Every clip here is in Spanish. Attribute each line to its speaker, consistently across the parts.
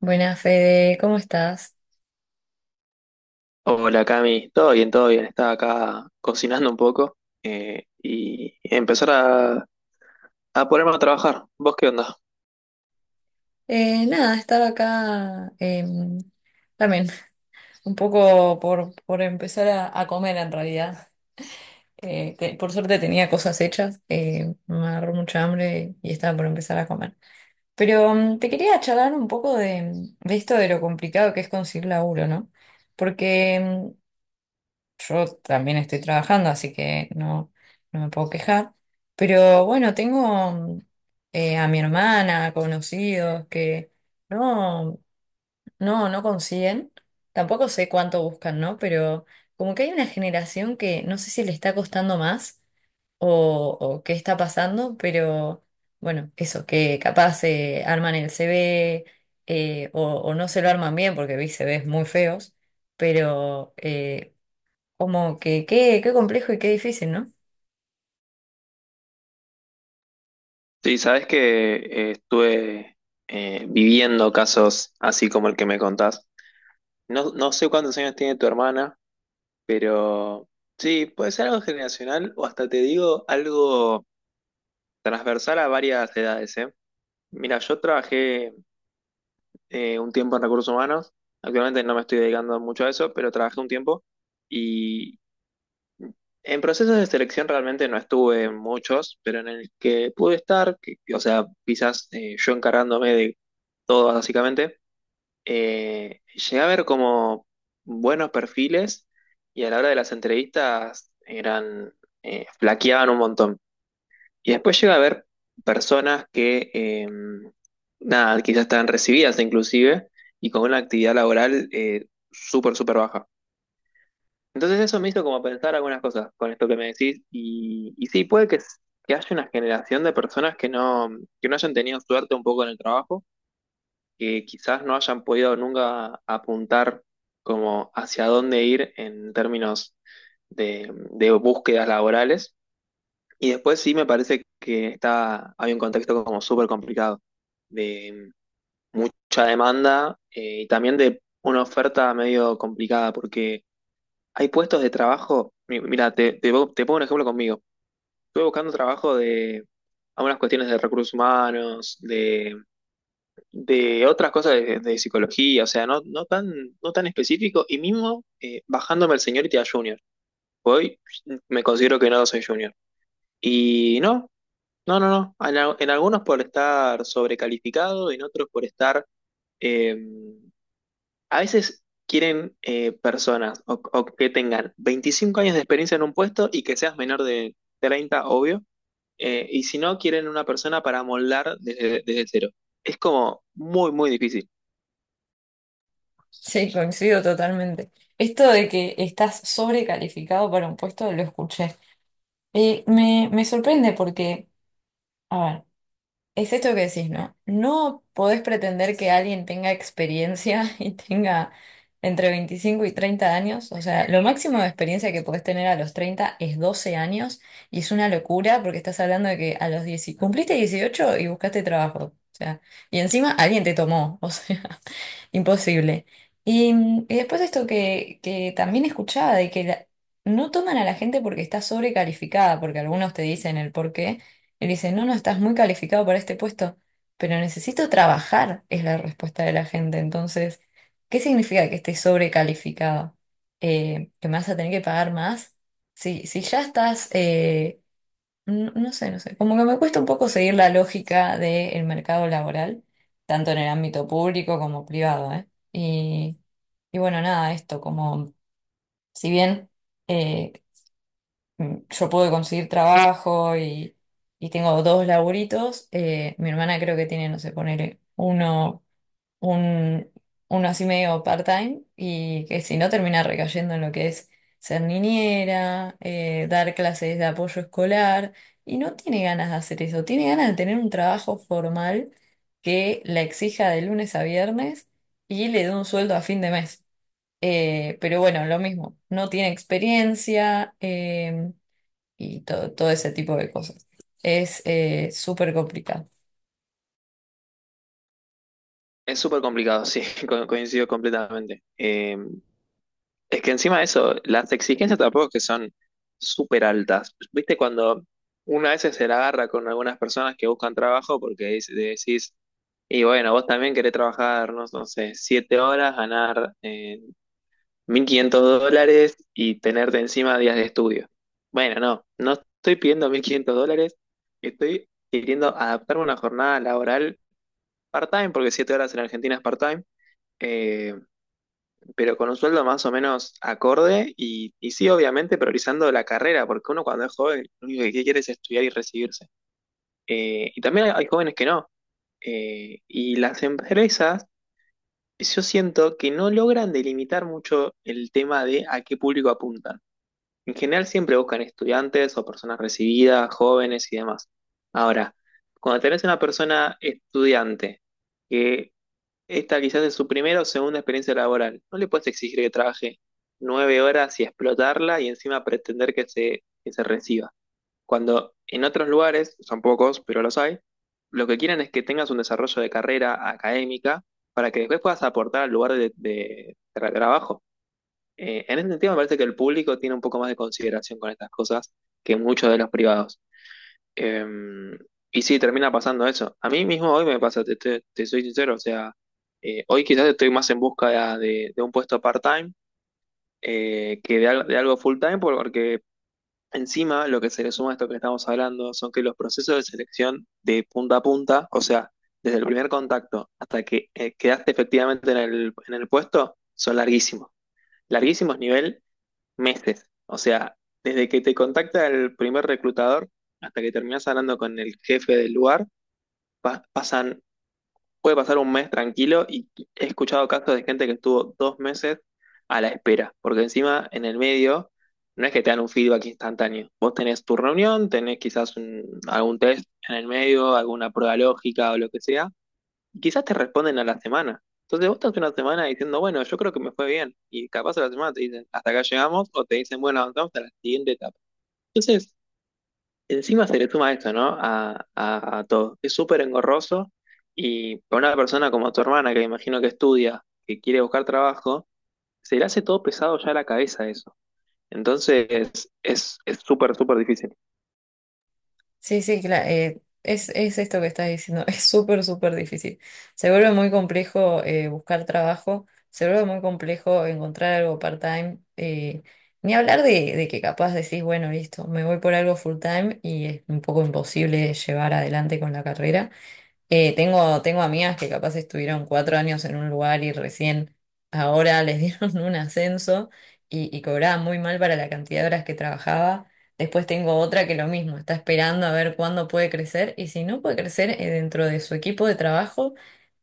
Speaker 1: Buenas, Fede, ¿cómo estás?
Speaker 2: Hola Cami, todo bien, todo bien. Estaba acá cocinando un poco y empezar a ponerme a trabajar. ¿Vos qué onda?
Speaker 1: Nada, estaba acá también un poco por empezar a comer en realidad. Por suerte tenía cosas hechas, me agarró mucha hambre y estaba por empezar a comer. Pero te quería charlar un poco de esto de lo complicado que es conseguir laburo, ¿no? Porque yo también estoy trabajando, así que no me puedo quejar. Pero bueno, tengo a mi hermana, conocidos que no, no consiguen. Tampoco sé cuánto buscan, ¿no? Pero como que hay una generación que no sé si le está costando más o qué está pasando, pero bueno, eso, que capaz arman el CV, o no se lo arman bien porque vi CVs muy feos, pero... eh, como que qué complejo y qué difícil, ¿no?
Speaker 2: Sí, sabés que estuve viviendo casos así como el que me contás. No, no sé cuántos años tiene tu hermana, pero sí, puede ser algo generacional o hasta te digo algo transversal a varias edades, ¿eh? Mira, yo trabajé un tiempo en recursos humanos. Actualmente no me estoy dedicando mucho a eso, pero trabajé un tiempo. En procesos de selección realmente no estuve en muchos, pero en el que pude estar, que, o sea, quizás yo encargándome de todo básicamente, llegué a ver como buenos perfiles y a la hora de las entrevistas eran, flaqueaban un montón. Y después llegué a ver personas que, nada, quizás estaban recibidas inclusive y con una actividad laboral súper, súper baja. Entonces eso me hizo como pensar algunas cosas con esto que me decís y sí, puede que, que haya una generación de personas que no hayan tenido suerte un poco en el trabajo, que quizás no hayan podido nunca apuntar como hacia dónde ir en términos de búsquedas laborales. Y después sí me parece que está, hay un contexto como súper complicado de mucha demanda y también de una oferta medio complicada porque... Hay puestos de trabajo, mira, te pongo un ejemplo conmigo. Estuve buscando trabajo de algunas cuestiones de recursos humanos, de otras cosas de psicología, o sea, no, no tan, no tan específico, y mismo bajándome el señorita a junior. Hoy me considero que no soy junior. Y no, no, no, no. En, en algunos por estar sobrecalificado, en otros por estar... em, A veces quieren personas o que tengan 25 años de experiencia en un puesto y que seas menor de 30, obvio. Y si no, quieren una persona para moldar desde, desde cero. Es como muy, muy difícil.
Speaker 1: Sí, coincido totalmente. Esto de que estás sobrecalificado para un puesto lo escuché. Me sorprende porque, a ver, es esto que decís, ¿no? No podés pretender que alguien tenga experiencia y tenga entre 25 y 30 años. O sea, lo máximo de experiencia que podés tener a los 30 es 12 años y es una locura porque estás hablando de que a los 10, cumpliste 18 y buscaste trabajo. O sea, y encima alguien te tomó, o sea. Imposible. Y después esto que también escuchaba, de que no toman a la gente porque está sobrecalificada, porque algunos te dicen el por qué, y dicen, no, estás muy calificado para este puesto, pero necesito trabajar, es la respuesta de la gente. Entonces, ¿qué significa que estés sobrecalificado? ¿Que me vas a tener que pagar más? Si ya estás no sé, no sé. Como que me cuesta un poco seguir la lógica del mercado laboral, tanto en el ámbito público como privado, ¿eh? Y bueno, nada, esto, como si bien eh, yo puedo conseguir trabajo y tengo dos laburitos, mi hermana creo que tiene, no sé, poner un, uno así medio part-time y que si no termina recayendo en lo que es ser niñera, dar clases de apoyo escolar y no tiene ganas de hacer eso, tiene ganas de tener un trabajo formal que la exija de lunes a viernes y le dé un sueldo a fin de mes. Pero bueno, lo mismo, no tiene experiencia y todo, todo ese tipo de cosas. Es súper complicado.
Speaker 2: Es súper complicado, sí, coincido completamente. Es que encima de eso, las exigencias tampoco es que son súper altas. Viste cuando una vez se la agarra con algunas personas que buscan trabajo porque decís, y bueno, vos también querés trabajar, no, no sé, 7 horas, ganar 1.500 dólares y tenerte encima días de estudio. Bueno, no, no estoy pidiendo 1.500 dólares, estoy queriendo adaptarme a una jornada laboral part-time, porque 7 horas en Argentina es part-time eh, pero con un sueldo más o menos acorde y sí, obviamente priorizando la carrera, porque uno cuando es joven lo único que quiere es estudiar y recibirse. Y también hay jóvenes que no. Y las empresas, yo siento que no logran delimitar mucho el tema de a qué público apuntan. En general siempre buscan estudiantes o personas recibidas, jóvenes y demás. Ahora, cuando tenés una persona estudiante que esta quizás es su primera o segunda experiencia laboral. No le puedes exigir que trabaje 9 horas y explotarla y encima pretender que se reciba. Cuando en otros lugares, son pocos, pero los hay, lo que quieren es que tengas un desarrollo de carrera académica para que después puedas aportar al lugar de trabajo. En este sentido, me parece que el público tiene un poco más de consideración con estas cosas que muchos de los privados. Em, y sí, termina pasando eso. A mí mismo hoy me pasa, te soy sincero, o sea, hoy quizás estoy más en busca de un puesto part-time que de, de algo full-time, porque encima lo que se le suma a esto que estamos hablando son que los procesos de selección de punta a punta, o sea, desde el primer contacto hasta que quedaste efectivamente en el puesto, son larguísimos. Larguísimos nivel meses. O sea, desde que te contacta el primer reclutador hasta que terminas hablando con el jefe del lugar, pasan, puede pasar un mes tranquilo y he escuchado casos de gente que estuvo 2 meses a la espera, porque encima en el medio no es que te dan un feedback instantáneo. Vos tenés tu reunión, tenés quizás algún test en el medio, alguna prueba lógica o lo que sea, y quizás te responden a la semana. Entonces vos estás una semana diciendo, bueno, yo creo que me fue bien. Y capaz a la semana te dicen, hasta acá llegamos, o te dicen, bueno, avanzamos a la siguiente etapa. Entonces, encima se le suma esto, ¿no? A todo. Es súper engorroso y para una persona como tu hermana, que me imagino que estudia, que quiere buscar trabajo, se le hace todo pesado ya a la cabeza eso. Entonces, es súper, súper difícil.
Speaker 1: Sí, sí, claro, es esto que estás diciendo, es súper, súper difícil. Se vuelve muy complejo buscar trabajo, se vuelve muy complejo encontrar algo part-time, ni hablar de que capaz decís, bueno, listo, me voy por algo full-time y es un poco imposible llevar adelante con la carrera. Tengo amigas que capaz estuvieron cuatro años en un lugar y recién ahora les dieron un ascenso y cobraba muy mal para la cantidad de horas que trabajaba. Después tengo otra que lo mismo, está esperando a ver cuándo puede crecer y si no puede crecer dentro de su equipo de trabajo,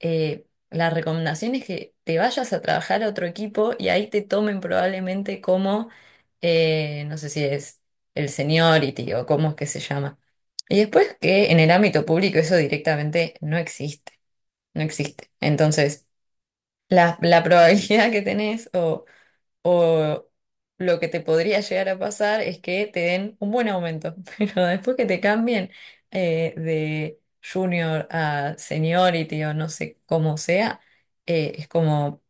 Speaker 1: eh, la recomendación es que te vayas a trabajar a otro equipo y ahí te tomen probablemente como, no sé si es el seniority o cómo es que se llama y después que en el ámbito público eso directamente no existe, no existe. Entonces, la probabilidad que tenés o lo que te podría llegar a pasar es que te den un buen aumento, pero después que te cambien de junior a seniority o no sé cómo sea, es como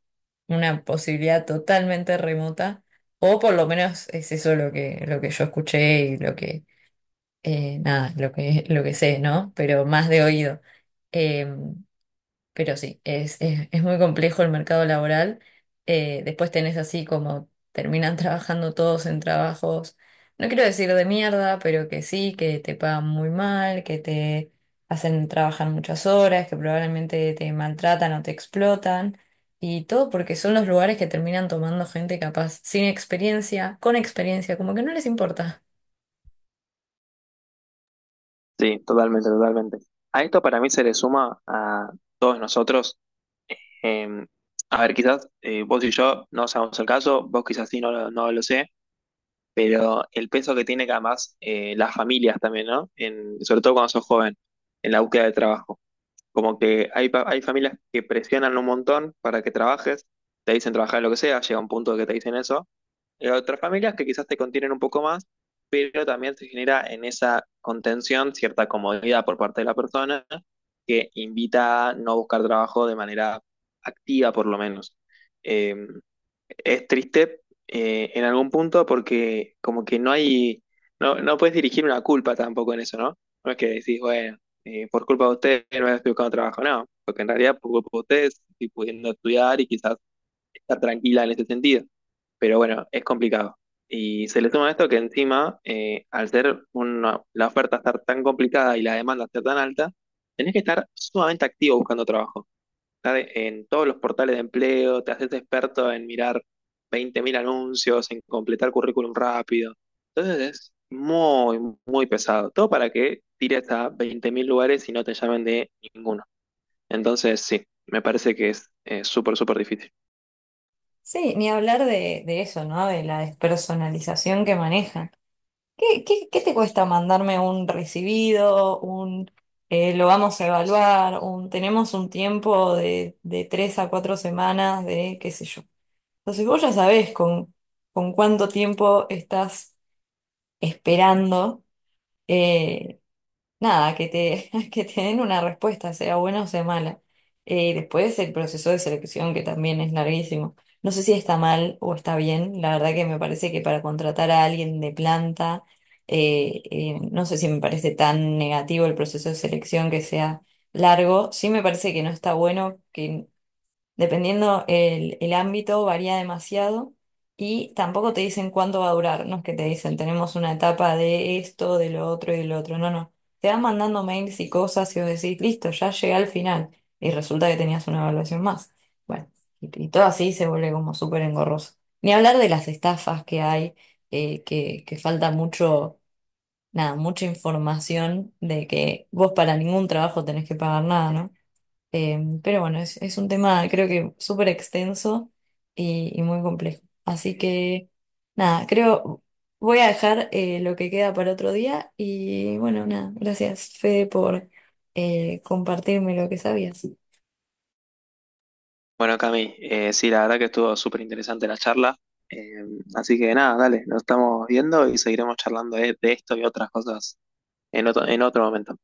Speaker 1: una posibilidad totalmente remota, o por lo menos es eso lo que yo escuché y lo que nada, lo que sé, ¿no? Pero más de oído. Eh, pero sí, es muy complejo el mercado laboral. Después tenés así como terminan trabajando todos en trabajos, no quiero decir de mierda, pero que sí, que te pagan muy mal, que te hacen trabajar muchas horas, que probablemente te maltratan o te explotan. Y todo porque son los lugares que terminan tomando gente capaz sin experiencia, con experiencia, como que no les importa.
Speaker 2: Sí, totalmente, totalmente. A esto para mí se le suma a todos nosotros. Eh, a ver, quizás vos y yo no sabemos el caso, vos quizás sí no, no lo sé, pero el peso que tiene que además las familias también, ¿no? En, sobre todo cuando sos joven, en la búsqueda de trabajo. Como que hay, hay familias que presionan un montón para que trabajes, te dicen trabajar en lo que sea, llega un punto que te dicen eso, en otras familias que quizás te contienen un poco más, pero también se genera en esa contención cierta comodidad por parte de la persona que invita a no buscar trabajo de manera activa, por lo menos. Eh, es triste en algún punto porque como que no hay, no, no puedes dirigir una culpa tampoco en eso, ¿no? No es que decís, bueno, por culpa de ustedes no estoy buscando trabajo, no, porque en realidad por culpa de ustedes estoy pudiendo estudiar y quizás está tranquila en ese sentido. Pero bueno, es complicado. Y se le suma esto que encima, al ser la oferta estar tan complicada y la demanda ser tan alta, tenés que estar sumamente activo buscando trabajo. Estar en todos los portales de empleo, te haces experto en mirar 20.000 anuncios, en completar currículum rápido. Entonces es muy, muy pesado. Todo para que tires a 20.000 lugares y no te llamen de ninguno. Entonces sí, me parece que es súper, súper difícil.
Speaker 1: Sí, ni hablar de eso, ¿no? De la despersonalización que manejan. Qué te cuesta mandarme un recibido, un lo vamos a evaluar, un tenemos un tiempo de tres a cuatro semanas de qué sé yo? Entonces vos ya sabés con cuánto tiempo estás esperando. eh, Nada, que te den una respuesta, sea buena o sea mala. Después el proceso de selección, que también es larguísimo. No sé si está mal o está bien. La verdad que me parece que para contratar a alguien de planta, no sé si me parece tan negativo el proceso de selección que sea largo. Sí me parece que no está bueno, que dependiendo el ámbito, varía demasiado y tampoco te dicen cuánto va a durar. No es que te dicen tenemos una etapa de esto, de lo otro y de lo otro. No, no. Te van mandando mails y cosas y vos decís, listo, ya llegué al final. Y resulta que tenías una evaluación más. Bueno, y todo así se vuelve como súper engorroso. Ni hablar de las estafas que hay, que falta mucho, nada, mucha información de que vos para ningún trabajo tenés que pagar nada, ¿no? Pero bueno, es un tema creo que súper extenso y muy complejo. Así que nada, creo voy a dejar lo que queda para otro día y bueno, nada, gracias Fede por compartirme lo que sabías.
Speaker 2: Bueno, Cami, sí, la verdad que estuvo súper interesante la charla. Eh, Así que nada, dale, nos estamos viendo y seguiremos charlando de esto y otras cosas en otro momento.